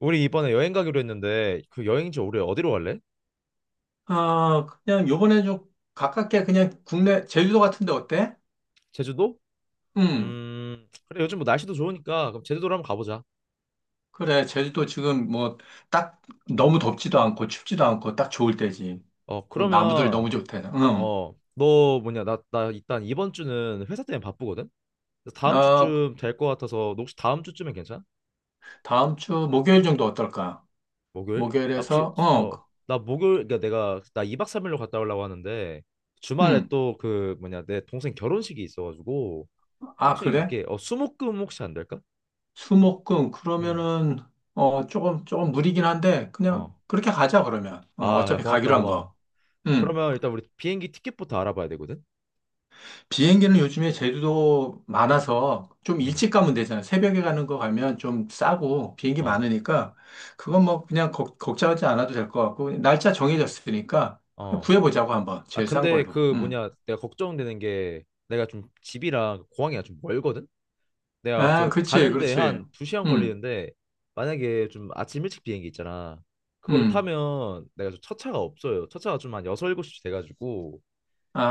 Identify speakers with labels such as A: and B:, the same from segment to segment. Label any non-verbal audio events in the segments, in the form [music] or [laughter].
A: 우리 이번에 여행 가기로 했는데 그 여행지 올해 어디로 갈래?
B: 아, 그냥 요번에 좀 가깝게 그냥 국내 제주도 같은데 어때?
A: 제주도?
B: 음,
A: 그래, 요즘 뭐 날씨도 좋으니까 그럼 제주도로 한번 가보자.
B: 그래. 제주도 지금 뭐 딱 너무 덥지도 않고 춥지도 않고 딱 좋을 때지. 또
A: 그러면.
B: 나무들 너무 좋대. 음.
A: 너 뭐냐 나 일단 이번 주는 회사 때문에 바쁘거든. 그래서 다음
B: 아,
A: 주쯤 될 것 같아서 너 혹시 다음 주쯤엔 괜찮아?
B: 다음 주 목요일 정도 어떨까?
A: 목요일? 아 혹시
B: 목요일에서
A: 어 나 목요일. 그러니까 내가 나 2박 3일로 갔다 오려고 하는데 주말에
B: 음.
A: 또 그 뭐냐 내 동생 결혼식이 있어가지고
B: 아,
A: 혹시
B: 그래?
A: 이게 수목금 혹시 안 될까?
B: 수목금
A: 음.
B: 그러면은 조금 무리긴 한데 그냥
A: 어.
B: 그렇게 가자 그러면.
A: 아, 야,
B: 어차피
A: 고맙다,
B: 가기로 한
A: 고마워.
B: 거. 음.
A: 그러면 일단 우리 비행기 티켓부터 알아봐야 되거든.
B: 비행기는 요즘에 제주도
A: 응,
B: 많아서 좀
A: 응,
B: 일찍 가면 되잖아요. 새벽에 가는 거 가면 좀 싸고 비행기
A: 어,
B: 많으니까 그건 뭐 그냥 걱정하지 않아도 될 것 같고 날짜 정해졌으니까 그냥
A: 어.
B: 구해보자고 한번
A: 아
B: 제일 싼
A: 근데
B: 걸로.
A: 그
B: 음.
A: 뭐냐 내가 걱정되는 게 내가 좀 집이랑 공항이랑 좀 멀거든. 내가
B: 아,
A: 그
B: 그렇지,
A: 가는데
B: 그렇지.
A: 한 2시간
B: 음,
A: 걸리는데 만약에 좀 아침 일찍 비행기 있잖아. 그걸
B: 음.
A: 타면 내가 좀 첫차가 없어요. 첫차가 좀 한 6, 7시 돼가지고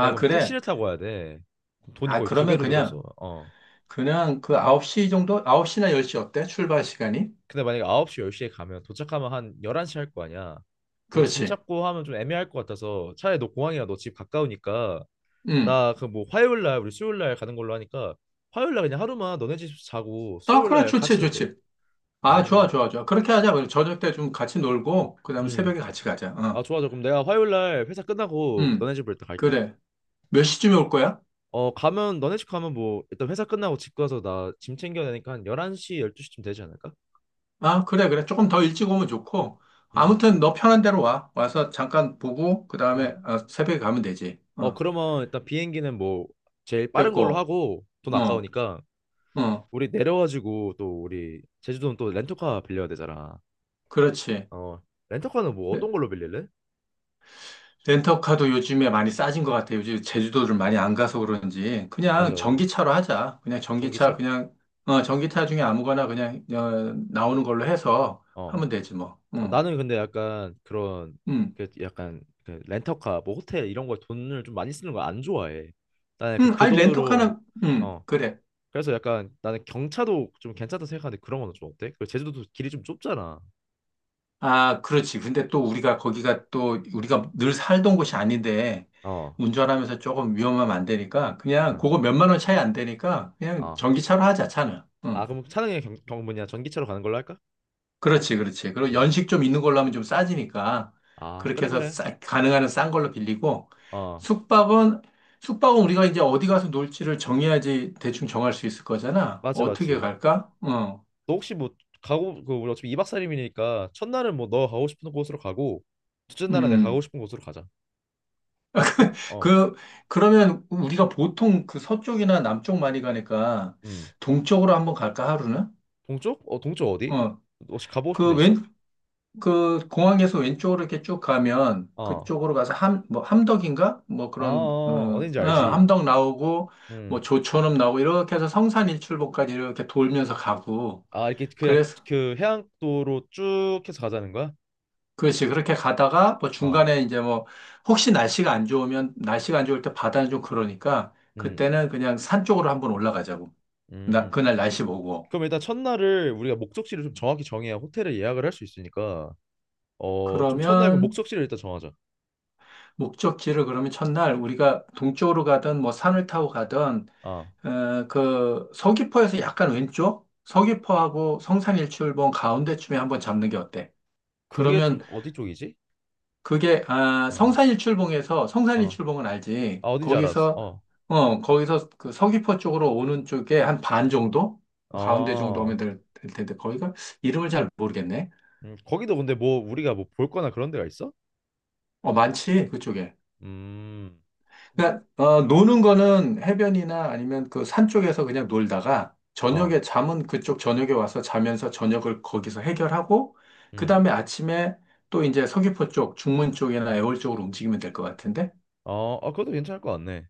A: 내가 그럼
B: 그래.
A: 택시를 타고 와야 돼. 그럼 돈이
B: 아,
A: 거의 두
B: 그러면
A: 배로
B: 그냥
A: 들어서 어.
B: 그냥 그 9시 정도? 9시나 10시 어때? 출발 시간이?
A: 근데 만약에 9시, 10시에 가면 도착하면 한 11시 할 거 아니야. 뭐 짐
B: 그렇지.
A: 찾고 하면 좀 애매할 것 같아서 차라리 너 공항이나 너 집 가까우니까
B: 음.
A: 나 그 뭐 화요일 날 우리 수요일 날 가는 걸로 하니까 화요일 날 그냥 하루만 너네 집 자고
B: 아,
A: 수요일
B: 그래,
A: 날 같이
B: 좋지,
A: 잤대.
B: 좋지. 아, 좋아,
A: 음.
B: 좋아, 좋아. 그렇게 하자. 그럼 저녁 때 좀 같이 놀고, 그 다음에
A: 음.
B: 새벽에 같이 가자.
A: 아,
B: 어.
A: 좋아. 좋아. 그럼 내가 화요일 날 회사 끝나고
B: 응,
A: 너네 집으로 일단 갈게.
B: 그래. 몇 시쯤에 올 거야?
A: 어, 가면 너네 집 가면 뭐 일단 회사 끝나고 집 가서 나 짐 챙겨야 되니까 한 11시, 12시쯤 되지 않을까?
B: 아, 그래, 그래. 조금 더 일찍 오면 좋고.
A: 음.
B: 아무튼 너 편한 대로 와. 와서 잠깐 보고, 그
A: 음.
B: 다음에 새벽에 가면 되지.
A: 어,
B: 어,
A: 그러면 일단 비행기는 뭐 제일 빠른 걸로
B: 됐고.
A: 하고 돈
B: 어,
A: 아까우니까
B: 어,
A: 우리 내려가지고 또 우리 제주도는 또 렌터카 빌려야 되잖아.
B: 그렇지.
A: 어, 렌터카는 뭐
B: 레-
A: 어떤 걸로 빌릴래?
B: 렌터카도 요즘에 많이 싸진 것 같아. 요즘 제주도를 많이 안 가서 그런지. 그냥
A: 맞아, 맞아.
B: 전기차로 하자. 그냥 전기차,
A: 전기차?
B: 그냥, 전기차 중에 아무거나 그냥, 나오는 걸로 해서
A: 어.
B: 하면 되지 뭐.
A: 아,
B: 응,
A: 나는 근데 약간 그런
B: 응.
A: 그 약간 그 렌터카 뭐 호텔 이런 거에 돈을 좀 많이 쓰는 거 안 좋아해. 나는 약간
B: 응,
A: 그
B: 아니,
A: 돈으로.
B: 렌터카는, 응,
A: 어.
B: 그래.
A: 그래서 약간 나는 경차도 좀 괜찮다 생각하는데 그런 거는 좀 어때? 그 제주도도 길이 좀 좁잖아.
B: 아, 그렇지. 근데 또 우리가 거기가 또 우리가 늘 살던 곳이 아닌데
A: 어.
B: 운전하면서 조금 위험하면 안 되니까 그냥
A: 어.
B: 그거 몇만 원 차이 안 되니까 그냥
A: 어.
B: 전기차로 하자, 차는.
A: 아
B: 응.
A: 그럼 차량이 경, 경 뭐냐 전기차로 가는 걸로 할까?
B: 그렇지, 그렇지. 그리고
A: 음.
B: 연식 좀 있는 걸로 하면 좀 싸지니까
A: 아
B: 그렇게
A: 그래
B: 해서
A: 그래
B: 가능한 한싼 걸로 빌리고
A: 어
B: 숙박은 우리가 이제 어디 가서 놀지를 정해야지 대충 정할 수 있을 거잖아.
A: 맞지
B: 어떻게
A: 맞지.
B: 갈까? 어.
A: 너 혹시 뭐 가고 그 우리 어차피 2박 3일이니까 첫날은 뭐 너 가고 싶은 곳으로 가고 둘째 날은 내가 가고
B: 음.
A: 싶은 곳으로 가자.
B: 그, 그러면 우리가 보통 그 서쪽이나 남쪽 많이 가니까
A: 너어음
B: 동쪽으로 한번 갈까, 하루는?
A: 동쪽? 어 동쪽 어디?
B: 어,
A: 너 혹시 가보고 싶은
B: 그
A: 데
B: 왼,
A: 있어?
B: 그 공항에서 왼쪽으로 이렇게 쭉 가면
A: 어. 아, 어.
B: 그쪽으로 가서 뭐 함덕인가? 뭐
A: 아, 어,
B: 그런,
A: 어. 어딘지 알지.
B: 함덕 나오고
A: 음아
B: 뭐 조천읍 나오고 이렇게 해서 성산 일출봉까지 이렇게 돌면서 가고
A: 이렇게 그냥
B: 그래서,
A: 그 해안도로 쭉 해서 가자는 거야?
B: 그렇지. 그렇게 가다가 뭐 중간에 이제 뭐 혹시 날씨가 안 좋으면 날씨가 안 좋을 때 바다는 좀 그러니까
A: 어음음
B: 그때는 그냥 산 쪽으로 한번 올라가자고. 나, 그날 날씨 보고.
A: 그럼 일단 첫날을 우리가 목적지를 좀 정확히 정해야 호텔을 예약을 할 수 있으니까. 어, 좀 첫날 그
B: 그러면
A: 목적지를 일단 정하자.
B: 목적지를 그러면 첫날 우리가 동쪽으로 가든 뭐 산을 타고 가든
A: 아,
B: 그 서귀포에서 약간 왼쪽 서귀포하고 성산일출봉 가운데쯤에 한번 잡는 게 어때?
A: 그게
B: 그러면
A: 좀 어디 쪽이지?
B: 그게 아,
A: 어,
B: 성산일출봉에서
A: 어,
B: 성산일출봉은 알지?
A: 아, 어딘지 알았어.
B: 거기서
A: 어,
B: 거기서 그 서귀포 쪽으로 오는 쪽에 한 반 정도 가운데 정도
A: 어.
B: 오면 될, 될 텐데 거기가 이름을 잘 모르겠네.
A: 거기도 근데 뭐 우리가 뭐 볼 거나 그런 데가 있어?
B: 어, 많지 그쪽에.
A: 음,
B: 그러니까 노는 거는 해변이나 아니면 그 산 쪽에서 그냥 놀다가
A: 어,
B: 저녁에 잠은 그쪽 저녁에 와서 자면서 저녁을 거기서 해결하고
A: 음,
B: 그다음에 아침에 또 이제 서귀포 쪽, 중문 쪽이나 애월 쪽으로 움직이면 될 것 같은데?
A: 어, 아, 그것도 괜찮을 것 같네.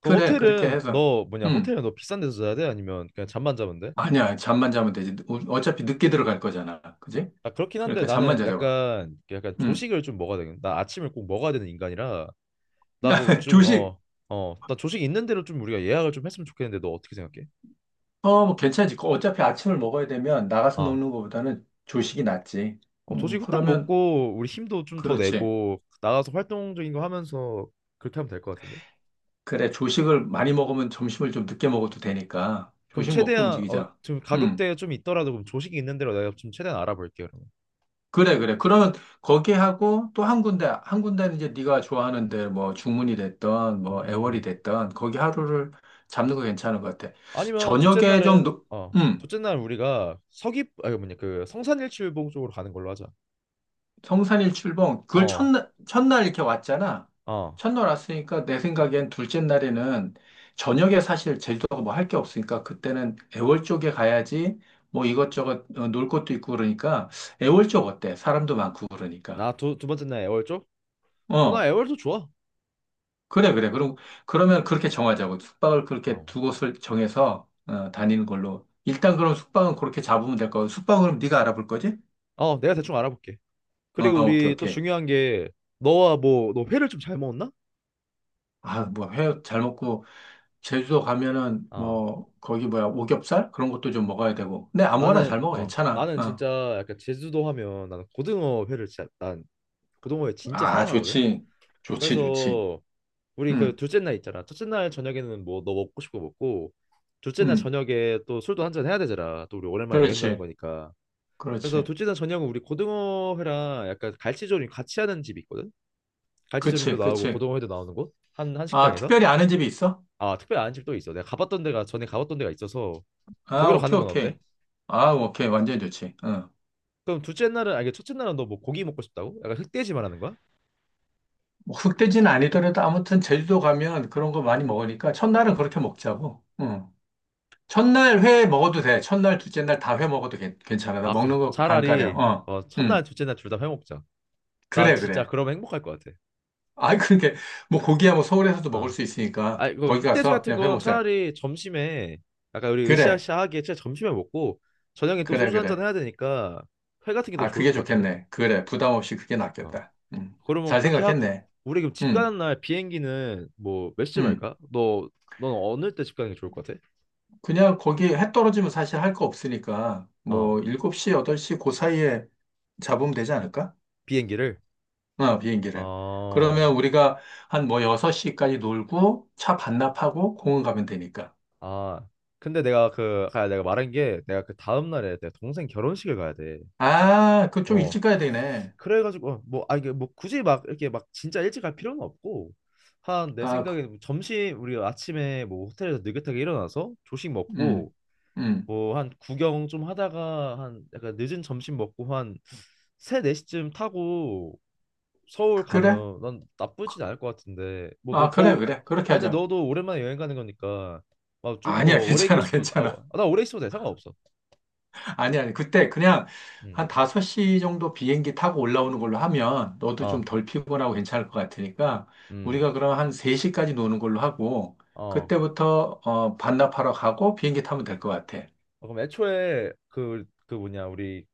A: 그럼
B: 그래, 그렇게
A: 호텔은
B: 해서.
A: 너 뭐냐?
B: 음.
A: 호텔은 너 비싼 데서 자야 돼? 아니면 그냥 잠만 자면 돼?
B: 아니야, 잠만 자면 되지. 어차피 늦게 들어갈 거잖아. 그지?
A: 아, 그렇긴 한데
B: 그러니까 잠만
A: 나는
B: 자자고.
A: 약간
B: 음.
A: 조식을 좀 먹어야 되거든. 나 아침을 꼭 먹어야 되는 인간이라 나 그거
B: [laughs]
A: 좀
B: 조식.
A: 어. 나 조식 있는 대로 좀 우리가 예약을 좀 했으면 좋겠는데 너 어떻게 생각해?
B: 뭐 괜찮지. 그 어차피 아침을 먹어야 되면 나가서
A: 어.
B: 먹는 것보다는 조식이 낫지.
A: 어, 조식 후딱
B: 그러면
A: 먹고 우리 힘도 좀 더
B: 그렇지.
A: 내고 나가서 활동적인 거 하면서 그렇게 하면 될 것 같은데.
B: 그래, 조식을 많이 먹으면 점심을 좀 늦게 먹어도 되니까.
A: 그럼
B: 조식 먹고
A: 최대한
B: 움직이자.
A: 지금
B: 음,
A: 가격대에 좀 있더라도 그럼 조식이 있는 대로 내가 좀 최대한 알아볼게요. 그러면.
B: 그래, 그래. 그러면 거기 하고 또 한 군데, 한 군데는 이제 네가 좋아하는 데 뭐 중문이 됐던 뭐 애월이
A: 음.
B: 됐던 거기 하루를 잡는 거 괜찮은 것 같아.
A: 아니면 둘째
B: 저녁에 좀,
A: 날은
B: 노-
A: 어
B: 음.
A: 둘째 날 우리가 서귀 아 이거 뭐냐 그 성산일출봉 쪽으로 가는 걸로 하자.
B: 성산일 출봉, 그걸
A: 어
B: 첫날, 첫날 이렇게 왔잖아.
A: 어
B: 첫날 왔으니까 내 생각엔 둘째 날에는 저녁에 사실 제주도가 뭐 할 게 없으니까 그때는 애월 쪽에 가야지 뭐 이것저것 놀 것도 있고 그러니까 애월 쪽 어때? 사람도 많고 그러니까.
A: 나두 두 번째 날 애월 쪽? 어 나
B: 어,
A: 애월도 좋아.
B: 그래, 그래. 그럼, 그러면 그렇게 정하자고. 숙박을 그렇게
A: 어.
B: 두 곳을 정해서 다니는 걸로. 일단 그럼 숙박은 그렇게 잡으면 될 거고. 숙박은 그럼 네가 알아볼 거지?
A: 어 내가 대충 알아볼게.
B: 어,
A: 그리고
B: 오케이,
A: 우리 또
B: 오케이.
A: 중요한 게 너와 뭐 너 회를 좀 잘 먹었나?
B: 아, 뭐, 회 잘 먹고. 제주도 가면은 뭐 거기 뭐야 오겹살 그런 것도 좀 먹어야
A: 어.
B: 되고 근데 아무거나
A: 나는
B: 잘 먹어.
A: 어
B: 괜찮아.
A: 나는
B: 어.
A: 진짜 약간 제주도 하면 나는 고등어 회를 진짜 난 고등어 회 진짜
B: 아,
A: 사랑하거든.
B: 좋지, 좋지, 좋지.
A: 그래서 우리 그
B: 응,
A: 둘째 날 있잖아. 첫째 날 저녁에는 뭐 너 먹고 싶고 먹고 둘째 날
B: 응.
A: 저녁에 또 술도 한잔 해야 되잖아. 또 우리 오랜만에 여행 가는
B: 그렇지,
A: 거니까. 그래서
B: 그렇지.
A: 둘째 날 저녁은 우리 고등어 회랑 약간 갈치조림 같이 하는 집이 있거든. 갈치조림도
B: 그치,
A: 나오고
B: 그치.
A: 고등어 회도 나오는 곳 한 한
B: 아,
A: 식당에서.
B: 특별히 아는 집이 있어?
A: 아 특별히 아는 집도 있어. 내가 가봤던 데가 전에 가봤던 데가 있어서
B: 아,
A: 거기로 가는
B: 오케이,
A: 건 어때?
B: 오케이. 아, 오케이, 완전 좋지. 응.
A: 그럼 둘째 날은 아니 첫째 날은 너 뭐 고기 먹고 싶다고? 약간 흑돼지 말하는 거야?
B: 뭐 흑돼지는 아니더라도 아무튼 제주도 가면 그런 거 많이 먹으니까 첫날은 그렇게 먹자고. 응. 첫날 회 먹어도 돼. 첫날 둘째 날 다 회 먹어도 괜찮아. 나
A: 아 그럼
B: 먹는 거 안 가려.
A: 차라리
B: 어.
A: 첫날
B: 응,
A: 둘째 날 둘 다 해먹자. 난
B: 그래,
A: 진짜
B: 그래.
A: 그러면 행복할 것 같아.
B: 아, 그러니까 뭐 고기야 뭐 서울에서도 먹을
A: 아.
B: 수 있으니까
A: 아니 그
B: 거기
A: 흑돼지
B: 가서
A: 같은
B: 그냥 회
A: 건
B: 먹자.
A: 차라리 점심에 약간 우리
B: 그래,
A: 으쌰으쌰하게 진짜 점심에 먹고 저녁에 또
B: 그래,
A: 소주 한잔
B: 그래.
A: 해야 되니까 회 같은 게 더
B: 아,
A: 좋을
B: 그게
A: 것 같은데?
B: 좋겠네. 그래, 부담 없이 그게
A: 어.
B: 낫겠다.
A: 그러면
B: 잘
A: 그렇게 하고
B: 생각했네.
A: 우리 그럼 집
B: 음,
A: 가는 날 비행기는 뭐 몇 시쯤
B: 음.
A: 할까? 너 넌 어느 때 집 가는 게 좋을 것 같아?
B: 그냥 거기 해 떨어지면 사실 할 거 없으니까
A: 어
B: 뭐 7시, 8시 그 사이에 잡으면 되지 않을까?
A: 비행기를.
B: 어, 비행기를.
A: 어.
B: 그러면 우리가 한 뭐 6시까지 놀고 차 반납하고 공원 가면 되니까.
A: 아, 근데 내가 그, 아, 내가 말한 게, 내가 그 다음날에 내 동생 결혼식을 가야 돼.
B: 아, 그 좀
A: 어,
B: 일찍 가야 되네.
A: 그래가지고, 어, 뭐, 아, 이게 뭐 굳이 막, 이렇게 막 진짜 일찍 갈 필요는 없고, 한, 내
B: 아, 그,
A: 생각에 뭐 점심, 우리 아침에 뭐 호텔에서 느긋하게 일어나서 조식
B: 음,
A: 먹고,
B: 음.
A: 뭐 한 구경 좀 하다가 한, 약간 늦은 점심 먹고 한 3, 4시쯤 타고 서울
B: 그래?
A: 가면 난 나쁘진 않을 것 같은데 뭐 너
B: 아, 그래,
A: 더욱.
B: 그래. 그렇게
A: 아 근데
B: 하자.
A: 너도 오랜만에 여행 가는 거니까 막 좀
B: 아니야, [laughs]
A: 더 오래 있고
B: 괜찮아,
A: 싶은
B: 괜찮아.
A: 아나 오래 있어도 돼 상관없어.
B: 아니야, 아니. 그때 그냥 한 5시 정도 비행기 타고 올라오는 걸로 하면 너도 좀 덜 피곤하고 괜찮을 것 같으니까 우리가 그럼 한 3시까지 노는 걸로 하고
A: 음어음어
B: 그때부터 반납하러 가고 비행기 타면 될 것 같아.
A: 그럼 애초에 뭐냐 우리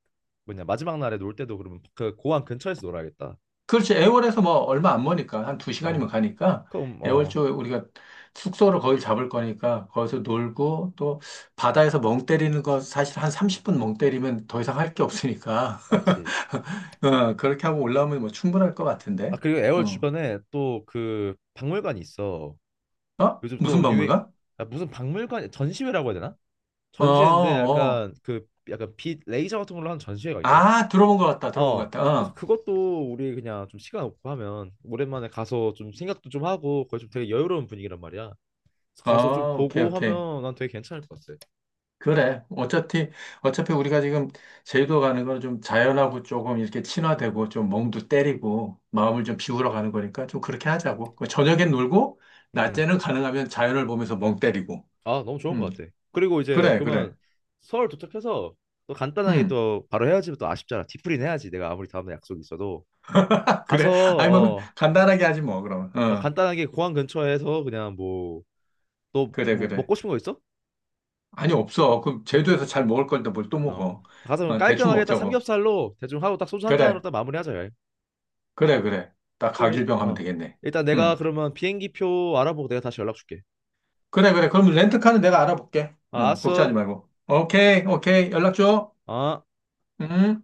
A: 뭐냐 마지막 날에 놀 때도 그러면 그 고항 근처에서 놀아야겠다.
B: 그렇지. 애월에서 뭐 얼마 안 머니까 한
A: 어
B: 2시간이면 가니까
A: 그럼
B: 애월
A: 어
B: 쪽에 우리가 숙소를 거기 잡을 거니까 거기서 놀고 또 바다에서 멍 때리는 거 사실 한 30분 멍 때리면 더 이상 할 게 없으니까
A: 맞지.
B: [laughs] [laughs] 어, 그렇게 하고 올라오면 뭐 충분할 것
A: 아
B: 같은데.
A: 그리고 애월
B: 어,
A: 주변에 또 그 박물관이 있어.
B: 어?
A: 요즘
B: 무슨
A: 또 유행
B: 박물관?
A: 아, 무슨 박물관 전시회라고 해야 되나.
B: 어,
A: 전시회인데
B: 어.
A: 약간 그 약간 빛 레이저 같은 걸로 하는 전시회가 있거든.
B: 아, 들어본 것 같다. 들어본 것
A: 어.
B: 같다.
A: 그래서
B: 어,
A: 그것도 우리 그냥 좀 시간 없고 하면 오랜만에 가서 좀 생각도 좀 하고 거기 좀 되게 여유로운 분위기란 말이야. 그래서 가서 좀
B: 어, 오케이,
A: 보고
B: 오케이.
A: 하면 난 되게 괜찮을 것 같아.
B: 그래. 어차피 우리가 지금 제주도 가는 건 좀 자연하고 조금 이렇게 친화되고 좀 멍도 때리고 마음을 좀 비우러 가는 거니까 좀 그렇게 하자고. 그 저녁엔 놀고
A: 음.
B: 낮에는 가능하면 자연을 보면서 멍 때리고.
A: 아, 너무 좋은
B: 음,
A: 것 같아. 그리고 이제
B: 그래, 그래.
A: 그러면 서울 도착해서 또 간단하게
B: 음,
A: 또 바로 해야지 또 아쉽잖아. 뒤풀이는 해야지. 내가 아무리 다음날 약속이 있어도
B: [laughs]
A: 가서
B: 그래. 아니 뭐,
A: 어.
B: 간단하게 하지 뭐, 그럼.
A: 어
B: 어,
A: 간단하게 공항 근처에서 그냥 뭐 너
B: 그래,
A: 뭐
B: 그래.
A: 먹고 싶은 거 있어?
B: 아니, 없어. 그럼
A: 그래?
B: 제주에서 잘 먹을 건데 뭘 또
A: 어.
B: 먹어.
A: 가서 그럼
B: 어, 대충
A: 깔끔하게 딱
B: 먹자고.
A: 삼겹살로 대충 하고 딱 소주 한 잔으로
B: 그래,
A: 딱 마무리하자. 야.
B: 그래, 그래. 딱
A: 그럼 일,
B: 가길병 하면
A: 어.
B: 되겠네.
A: 일단 내가
B: 응.
A: 그러면 비행기표 알아보고 내가 다시 연락 줄게.
B: 그래, 그래. 그럼 렌트카는 내가 알아볼게.
A: 아,
B: 응, 걱정하지
A: 알았어.
B: 말고. 오케이, 오케이. 연락 줘.
A: 어.
B: 응.